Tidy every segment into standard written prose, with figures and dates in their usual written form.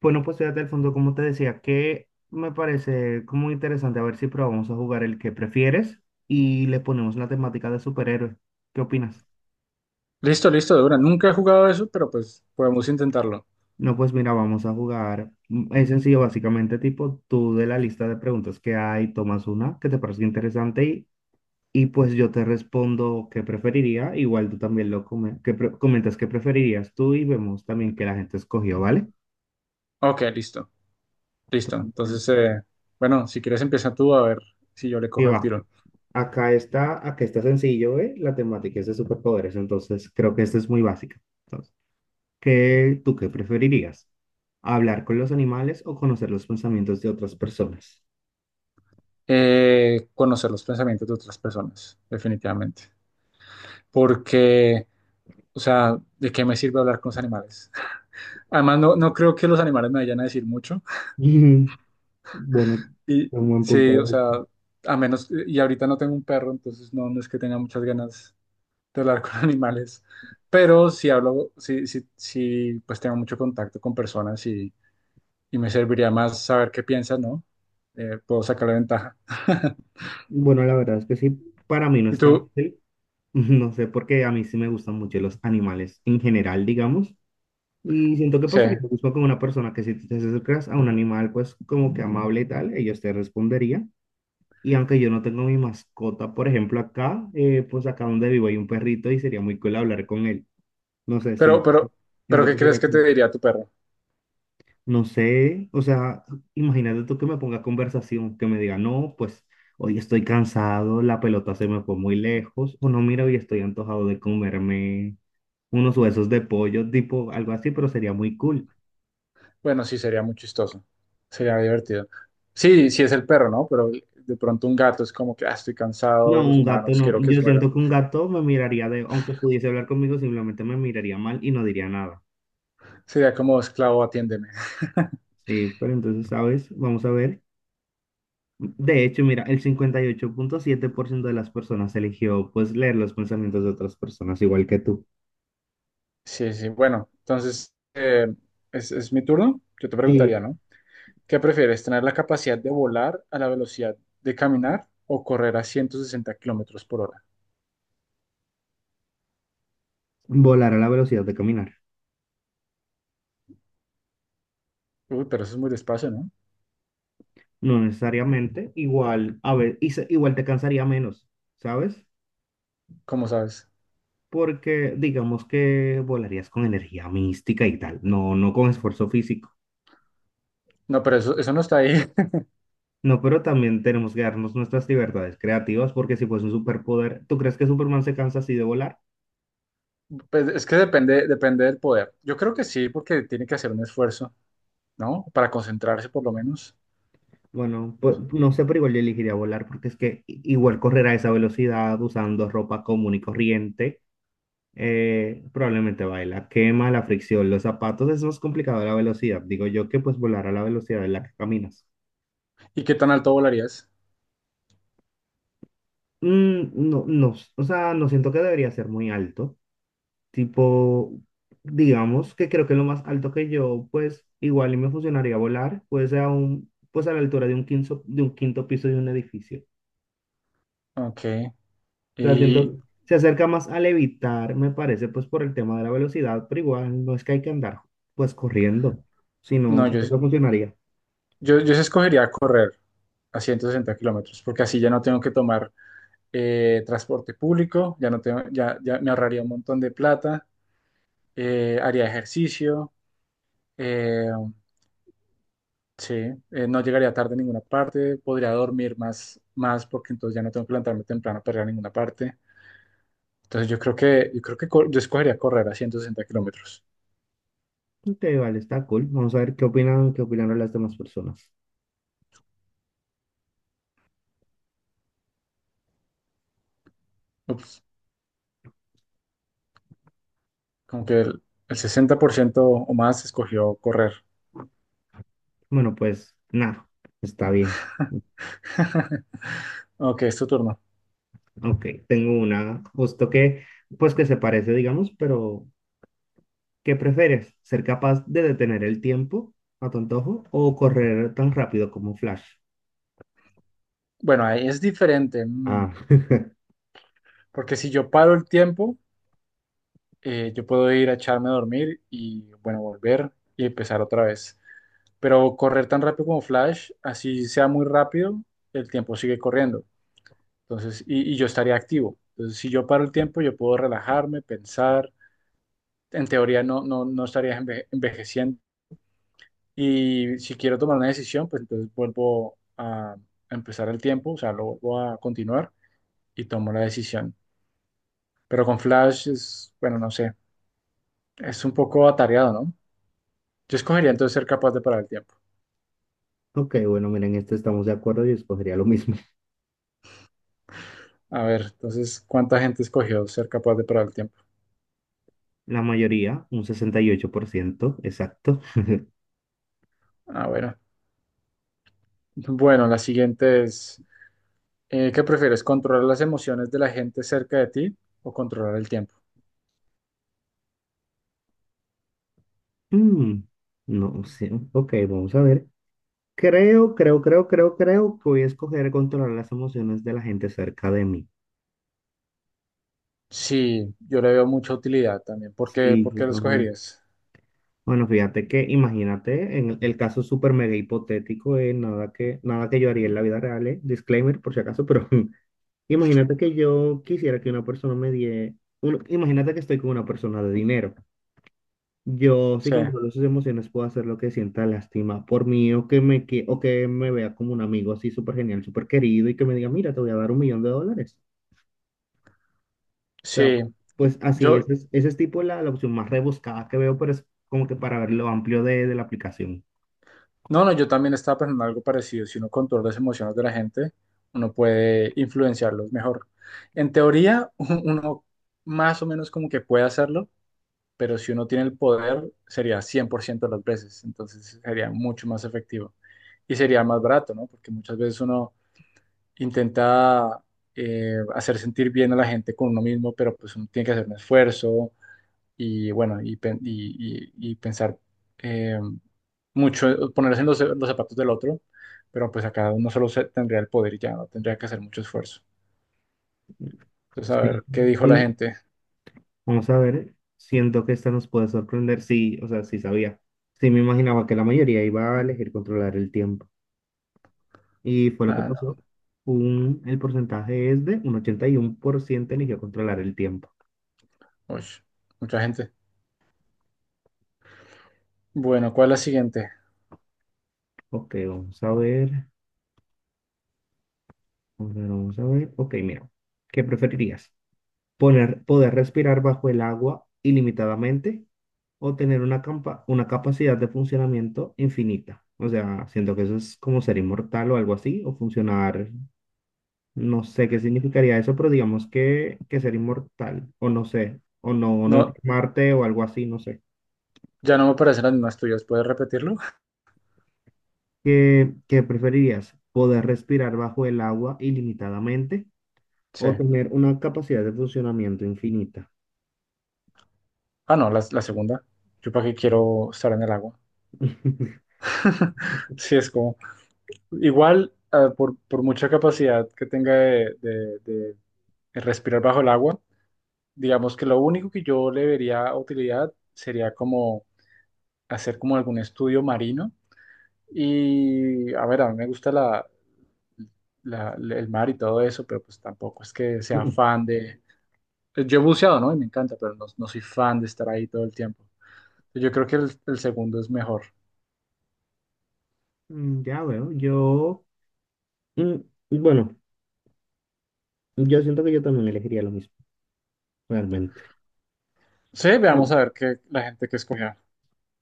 Bueno, pues fíjate al fondo, como te decía, que me parece como interesante a ver si probamos a jugar el que prefieres y le ponemos la temática de superhéroes. ¿Qué opinas? Listo, listo, de una. Nunca he jugado eso, pero pues podemos intentarlo. No, pues mira, vamos a jugar. Es sencillo, básicamente, tipo, tú de la lista de preguntas que hay, tomas una que te parece interesante y pues yo te respondo qué preferiría. Igual tú también lo come- que pre- comentas qué preferirías tú y vemos también que la gente escogió, ¿vale? Ok, listo, listo. Entonces, Entonces, bueno, si quieres empieza tú a ver si yo le sí cojo el va. tiro. Acá está sencillo, ¿eh? La temática es de superpoderes, entonces creo que esta es muy básica. Entonces, ¿Tú qué preferirías? ¿Hablar con los animales o conocer los pensamientos de otras personas? Conocer los pensamientos de otras personas, definitivamente. Porque, o sea, ¿de qué me sirve hablar con los animales? Además, no, no creo que los animales me vayan a decir mucho. Ujú. Bueno, Y un buen sí, o punto. sea, a menos, y ahorita no tengo un perro, entonces no, no es que tenga muchas ganas de hablar con animales, pero si hablo, si, si, si pues tengo mucho contacto con personas y me serviría más saber qué piensan, ¿no? Puedo sacarle ventaja. Bueno, la verdad es que sí, para mí no Y es tan tú, fácil. No sé por qué a mí sí me gustan mucho los animales en general, digamos. Y siento que sí, pasaría lo mismo con una persona que si tú te acercas a un animal, pues como que amable y tal, ellos te responderían. Y aunque yo no tengo mi mascota, por ejemplo, acá, pues acá donde vivo hay un perrito y sería muy cool hablar con él. No sé, pero, siento, pero, pero siento ¿qué que crees sería que te cool. diría tu perro? No sé, o sea, imagínate tú que me ponga conversación, que me diga, no, pues hoy estoy cansado, la pelota se me fue muy lejos, o no, mira, hoy estoy antojado de comerme unos huesos de pollo, tipo algo así, pero sería muy cool. Bueno, sí, sería muy chistoso, sería divertido. Sí, sí es el perro, ¿no? Pero de pronto un gato es como que, ah, estoy cansado No, de los un gato humanos, no. quiero que Yo se mueran. siento que un gato me miraría de, aunque pudiese hablar conmigo, simplemente me miraría mal y no diría nada. Sería como esclavo, atiéndeme. Sí, pero entonces, ¿sabes? Vamos a ver. De hecho, mira, el 58,7% de las personas eligió pues leer los pensamientos de otras personas, igual que tú. Sí, sí, bueno, entonces es mi turno. Yo te preguntaría, Sí. ¿no? ¿Qué prefieres, tener la capacidad de volar a la velocidad de caminar o correr a 160 kilómetros por hora? Volar a la velocidad de caminar. Uy, pero eso es muy despacio, ¿no? No necesariamente, igual, a ver, igual te cansaría menos, ¿sabes? ¿Cómo sabes? Porque digamos que volarías con energía mística y tal, no, no con esfuerzo físico. No, pero eso no está ahí. No, pero también tenemos que darnos nuestras libertades creativas, porque si fuese un superpoder, ¿tú crees que Superman se cansa así de volar? Pues es que depende, depende del poder. Yo creo que sí, porque tiene que hacer un esfuerzo, ¿no? Para concentrarse por lo menos. Bueno, no sé, pero igual yo elegiría volar, porque es que igual correr a esa velocidad usando ropa común y corriente, probablemente va la quema, la fricción, los zapatos, es más complicado la velocidad. Digo yo que pues volar a la velocidad en la que caminas. ¿Y qué tan alto volarías? No, no, o sea, no siento que debería ser muy alto. Tipo, digamos que creo que lo más alto que yo, pues igual y me funcionaría volar, pues pues a la altura de un quinto piso de un edificio. Ok. O sea, Y se acerca más al evitar, me parece, pues por el tema de la velocidad, pero igual no es que hay que andar pues corriendo, sino no, yo, siento que funcionaría. yo, yo sí escogería correr a 160 kilómetros, porque así ya no tengo que tomar transporte público, ya no tengo, ya me ahorraría un montón de plata, haría ejercicio, eh, sí, no llegaría tarde a ninguna parte, podría dormir más, más porque entonces ya no tengo que levantarme temprano para ir a ninguna parte. Entonces yo creo que yo escogería correr a ciento sesenta kilómetros. Ok, vale, está cool. Vamos a ver qué opinan, qué opinaron las demás personas. Ups, como que el 60% o más escogió correr. Bueno, pues nada, está bien. Ok, es tu turno. Ok, tengo una, justo que, pues que se parece, digamos, pero ¿qué prefieres? ¿Ser capaz de detener el tiempo a tu antojo o correr tan rápido como Flash? Bueno, ahí es diferente, Ah, porque si yo paro el tiempo, yo puedo ir a echarme a dormir y, bueno, volver y empezar otra vez. Pero correr tan rápido como Flash, así sea muy rápido, el tiempo sigue corriendo. Entonces, y yo estaría activo. Entonces, si yo paro el tiempo, yo puedo relajarme, pensar. En teoría no, no, no estaría envejeciendo. Y si quiero tomar una decisión, pues entonces vuelvo a empezar el tiempo, o sea, lo vuelvo a continuar y tomo la decisión. Pero con Flash es, bueno, no sé, es un poco atareado, ¿no? Yo escogería entonces ser capaz de parar el tiempo. ok, bueno, miren, este estamos de acuerdo y escogería lo mismo. A ver, entonces, ¿cuánta gente escogió ser capaz de parar el tiempo? La mayoría, un 68% exacto. Ah, bueno, la siguiente es, ¿qué prefieres? ¿Controlar las emociones de la gente cerca de ti o controlar el tiempo? Mm, no sé, ok, vamos a ver. Creo que voy a escoger controlar las emociones de la gente cerca de mí. Sí, yo le veo mucha utilidad también. ¿Por qué, Sí, por yo qué lo también. escogerías? Bueno, fíjate que imagínate, en el caso súper mega hipotético, nada que yo haría en la vida real, disclaimer por si acaso, pero imagínate que yo quisiera que una persona imagínate que estoy con una persona de dinero. Yo, si Sí, controlo sus emociones, puedo hacer lo que sienta lástima por mí o o que me vea como un amigo así súper genial, súper querido y que me diga, mira, te voy a dar un millón de dólares. O sea, sí. pues así, Yo, ese es tipo la opción más rebuscada que veo, pero es como que para ver lo amplio de la aplicación. no, no, yo también estaba pensando algo parecido. Si uno controla las emociones de la gente, uno puede influenciarlos mejor. En teoría, uno más o menos como que puede hacerlo, pero si uno tiene el poder, sería 100% de las veces, entonces sería mucho más efectivo y sería más barato, ¿no? Porque muchas veces uno intenta hacer sentir bien a la gente con uno mismo, pero pues uno tiene que hacer un esfuerzo y bueno, y pensar eh, mucho, ponerse en los zapatos del otro, pero pues acá uno solo tendría el poder y ya no tendría que hacer mucho esfuerzo. Entonces, a Sí. ver, ¿qué dijo la Sí, gente? vamos a ver, siento que esta nos puede sorprender. Sí, o sea, sí sabía. Sí me imaginaba que la mayoría iba a elegir controlar el tiempo. Y fue lo que Ah, pasó. El porcentaje es de un 81% eligió controlar el tiempo. no, uy, mucha gente. Bueno, ¿cuál es la siguiente? Ok, vamos a ver. Vamos a ver, vamos a ver. Ok, mira. ¿Qué preferirías? ¿Poder respirar bajo el agua ilimitadamente o tener una capacidad de funcionamiento infinita? O sea, siento que eso es como ser inmortal o algo así, o funcionar, no sé qué significaría eso, pero digamos que ser inmortal, o no sé, o no, no No, enfermarte o algo así, no sé. ya no me parecen las mismas tuyas. ¿Puedes repetirlo? ¿Qué preferirías? ¿Poder respirar bajo el agua ilimitadamente Sí. o tener una capacidad de funcionamiento infinita? Ah, no, la segunda. Yo para qué quiero estar en el agua. Sí, es como. Igual, ah, por, mucha capacidad que tenga de respirar bajo el agua, digamos que lo único que yo le vería utilidad sería como hacer como algún estudio marino. Y, a ver, a mí me gusta el mar y todo eso, pero pues tampoco es que sea fan de. Pues, yo he buceado, ¿no? Y me encanta, pero no, no soy fan de estar ahí todo el tiempo. Yo creo que el segundo es mejor. Ya veo, mm, bueno, yo siento que yo también elegiría lo mismo, realmente. Sí, veamos Sí. a ver qué la gente que escogió.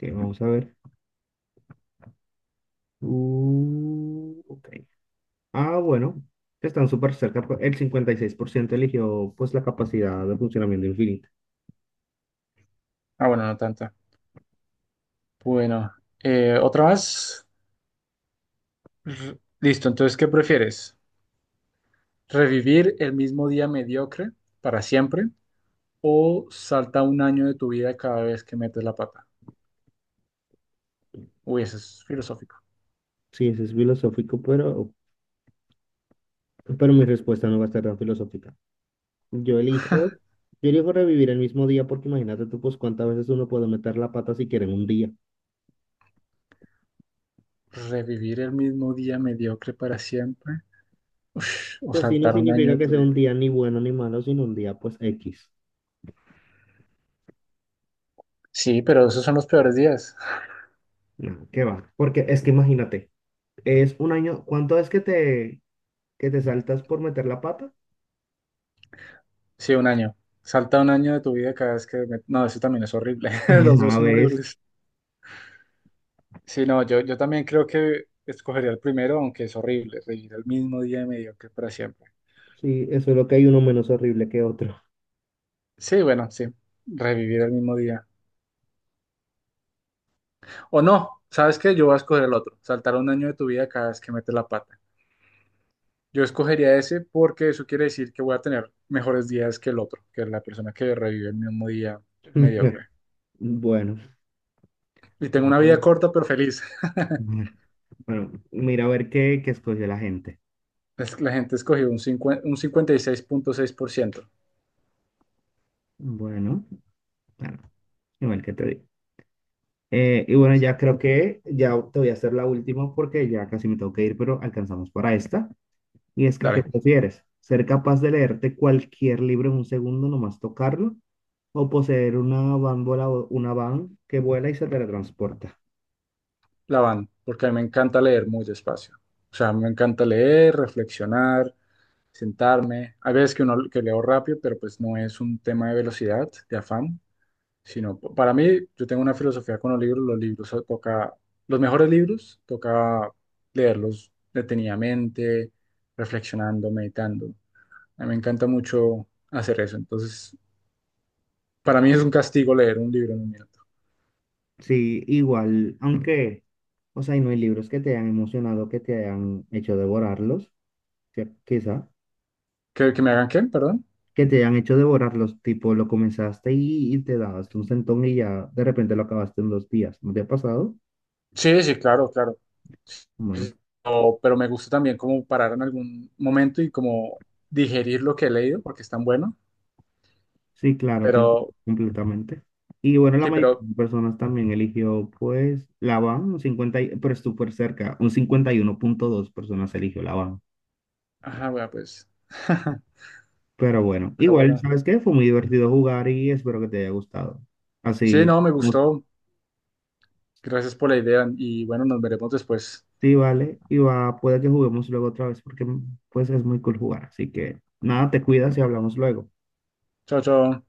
Ok, vamos a ver. Ok. Ah, bueno, están súper cerca. Pues, el 56% eligió pues la capacidad de funcionamiento infinita. Ah, bueno, no tanta. Bueno, otra más. Listo, entonces, ¿qué prefieres? ¿Revivir el mismo día mediocre para siempre o salta un año de tu vida cada vez que metes la pata? Uy, eso es filosófico. Sí, eso es filosófico, pero mi respuesta no va a estar tan filosófica. Yo elijo, yo elijo revivir el mismo día porque imagínate tú, pues cuántas veces uno puede meter la pata si quiere en un día. ¿Revivir el mismo día mediocre para siempre? Ush, o Pues sí, no saltar un año significa de que tu sea vida. un día ni bueno ni malo, sino un día pues X. Sí, pero esos son los peores días. No, qué va. Porque es que imagínate, es un año. ¿Cuánto es que que te saltas por meter la pata? Sí, un año. Salta un año de tu vida cada vez que. No, eso también es horrible. Los dos una son vez. horribles. Sí, no, yo también creo que escogería el primero, aunque es horrible, revivir el mismo día mediocre para siempre. Sí, eso es lo que hay uno menos horrible que otro. Sí, bueno, sí, revivir el mismo día. O no, ¿sabes qué? Yo voy a escoger el otro, saltar un año de tu vida cada vez que metes la pata. Yo escogería ese porque eso quiere decir que voy a tener mejores días que el otro, que es la persona que revive el mismo día mediocre. Bueno, Y tengo no una vida puedo. corta pero feliz. Bueno, mira a ver qué escogió la gente. Es- que La gente escogió un cincuenta y seis punto seis por ciento. Bueno, claro, igual que te digo. Y bueno, ya creo que ya te voy a hacer la última porque ya casi me tengo que ir, pero alcanzamos para esta. Y es que, ¿qué Dale, prefieres? ¿Ser capaz de leerte cualquier libro en un segundo, nomás tocarlo? ¿O poseer una van que vuela y se teletransporta? la van, porque a mí me encanta leer muy despacio. O sea, me encanta leer, reflexionar, sentarme. Hay veces que uno que leo rápido, pero pues no es un tema de velocidad, de afán, sino para mí, yo tengo una filosofía con los libros, toca, los mejores libros toca leerlos detenidamente, reflexionando, meditando. A mí me encanta mucho hacer eso. Entonces, para mí es un castigo leer un libro en un minuto. Sí, igual, aunque, o sea, y no hay libros que te hayan emocionado, que te hayan hecho devorarlos, que- quizá, ¿Que me hagan qué? Perdón. que te hayan hecho devorarlos, tipo, lo comenzaste y te dabas un sentón y ya de repente lo acabaste en 2 días. ¿No te ha pasado? Sí, sí, claro, claro. Bueno, Sí, pero me gusta también como parar en algún momento y como digerir lo que he leído porque es tan bueno. sí, claro, te entiendo Pero completamente. Y bueno, la sí, mayoría pero. de personas también eligió, pues, la van, un 50, pero es súper cerca, un 51,2 personas eligió la van. Ajá, bueno, pues. Pero bueno, Pero igual, bueno. ¿sabes qué? Fue muy divertido jugar y espero que te haya gustado. Sí, Así, no, me gustó. Gracias por la idea y bueno, nos veremos después. sí, vale, y va, puede que juguemos luego otra vez porque, pues, es muy cool jugar. Así que, nada, te cuidas y hablamos luego. Chao, chao.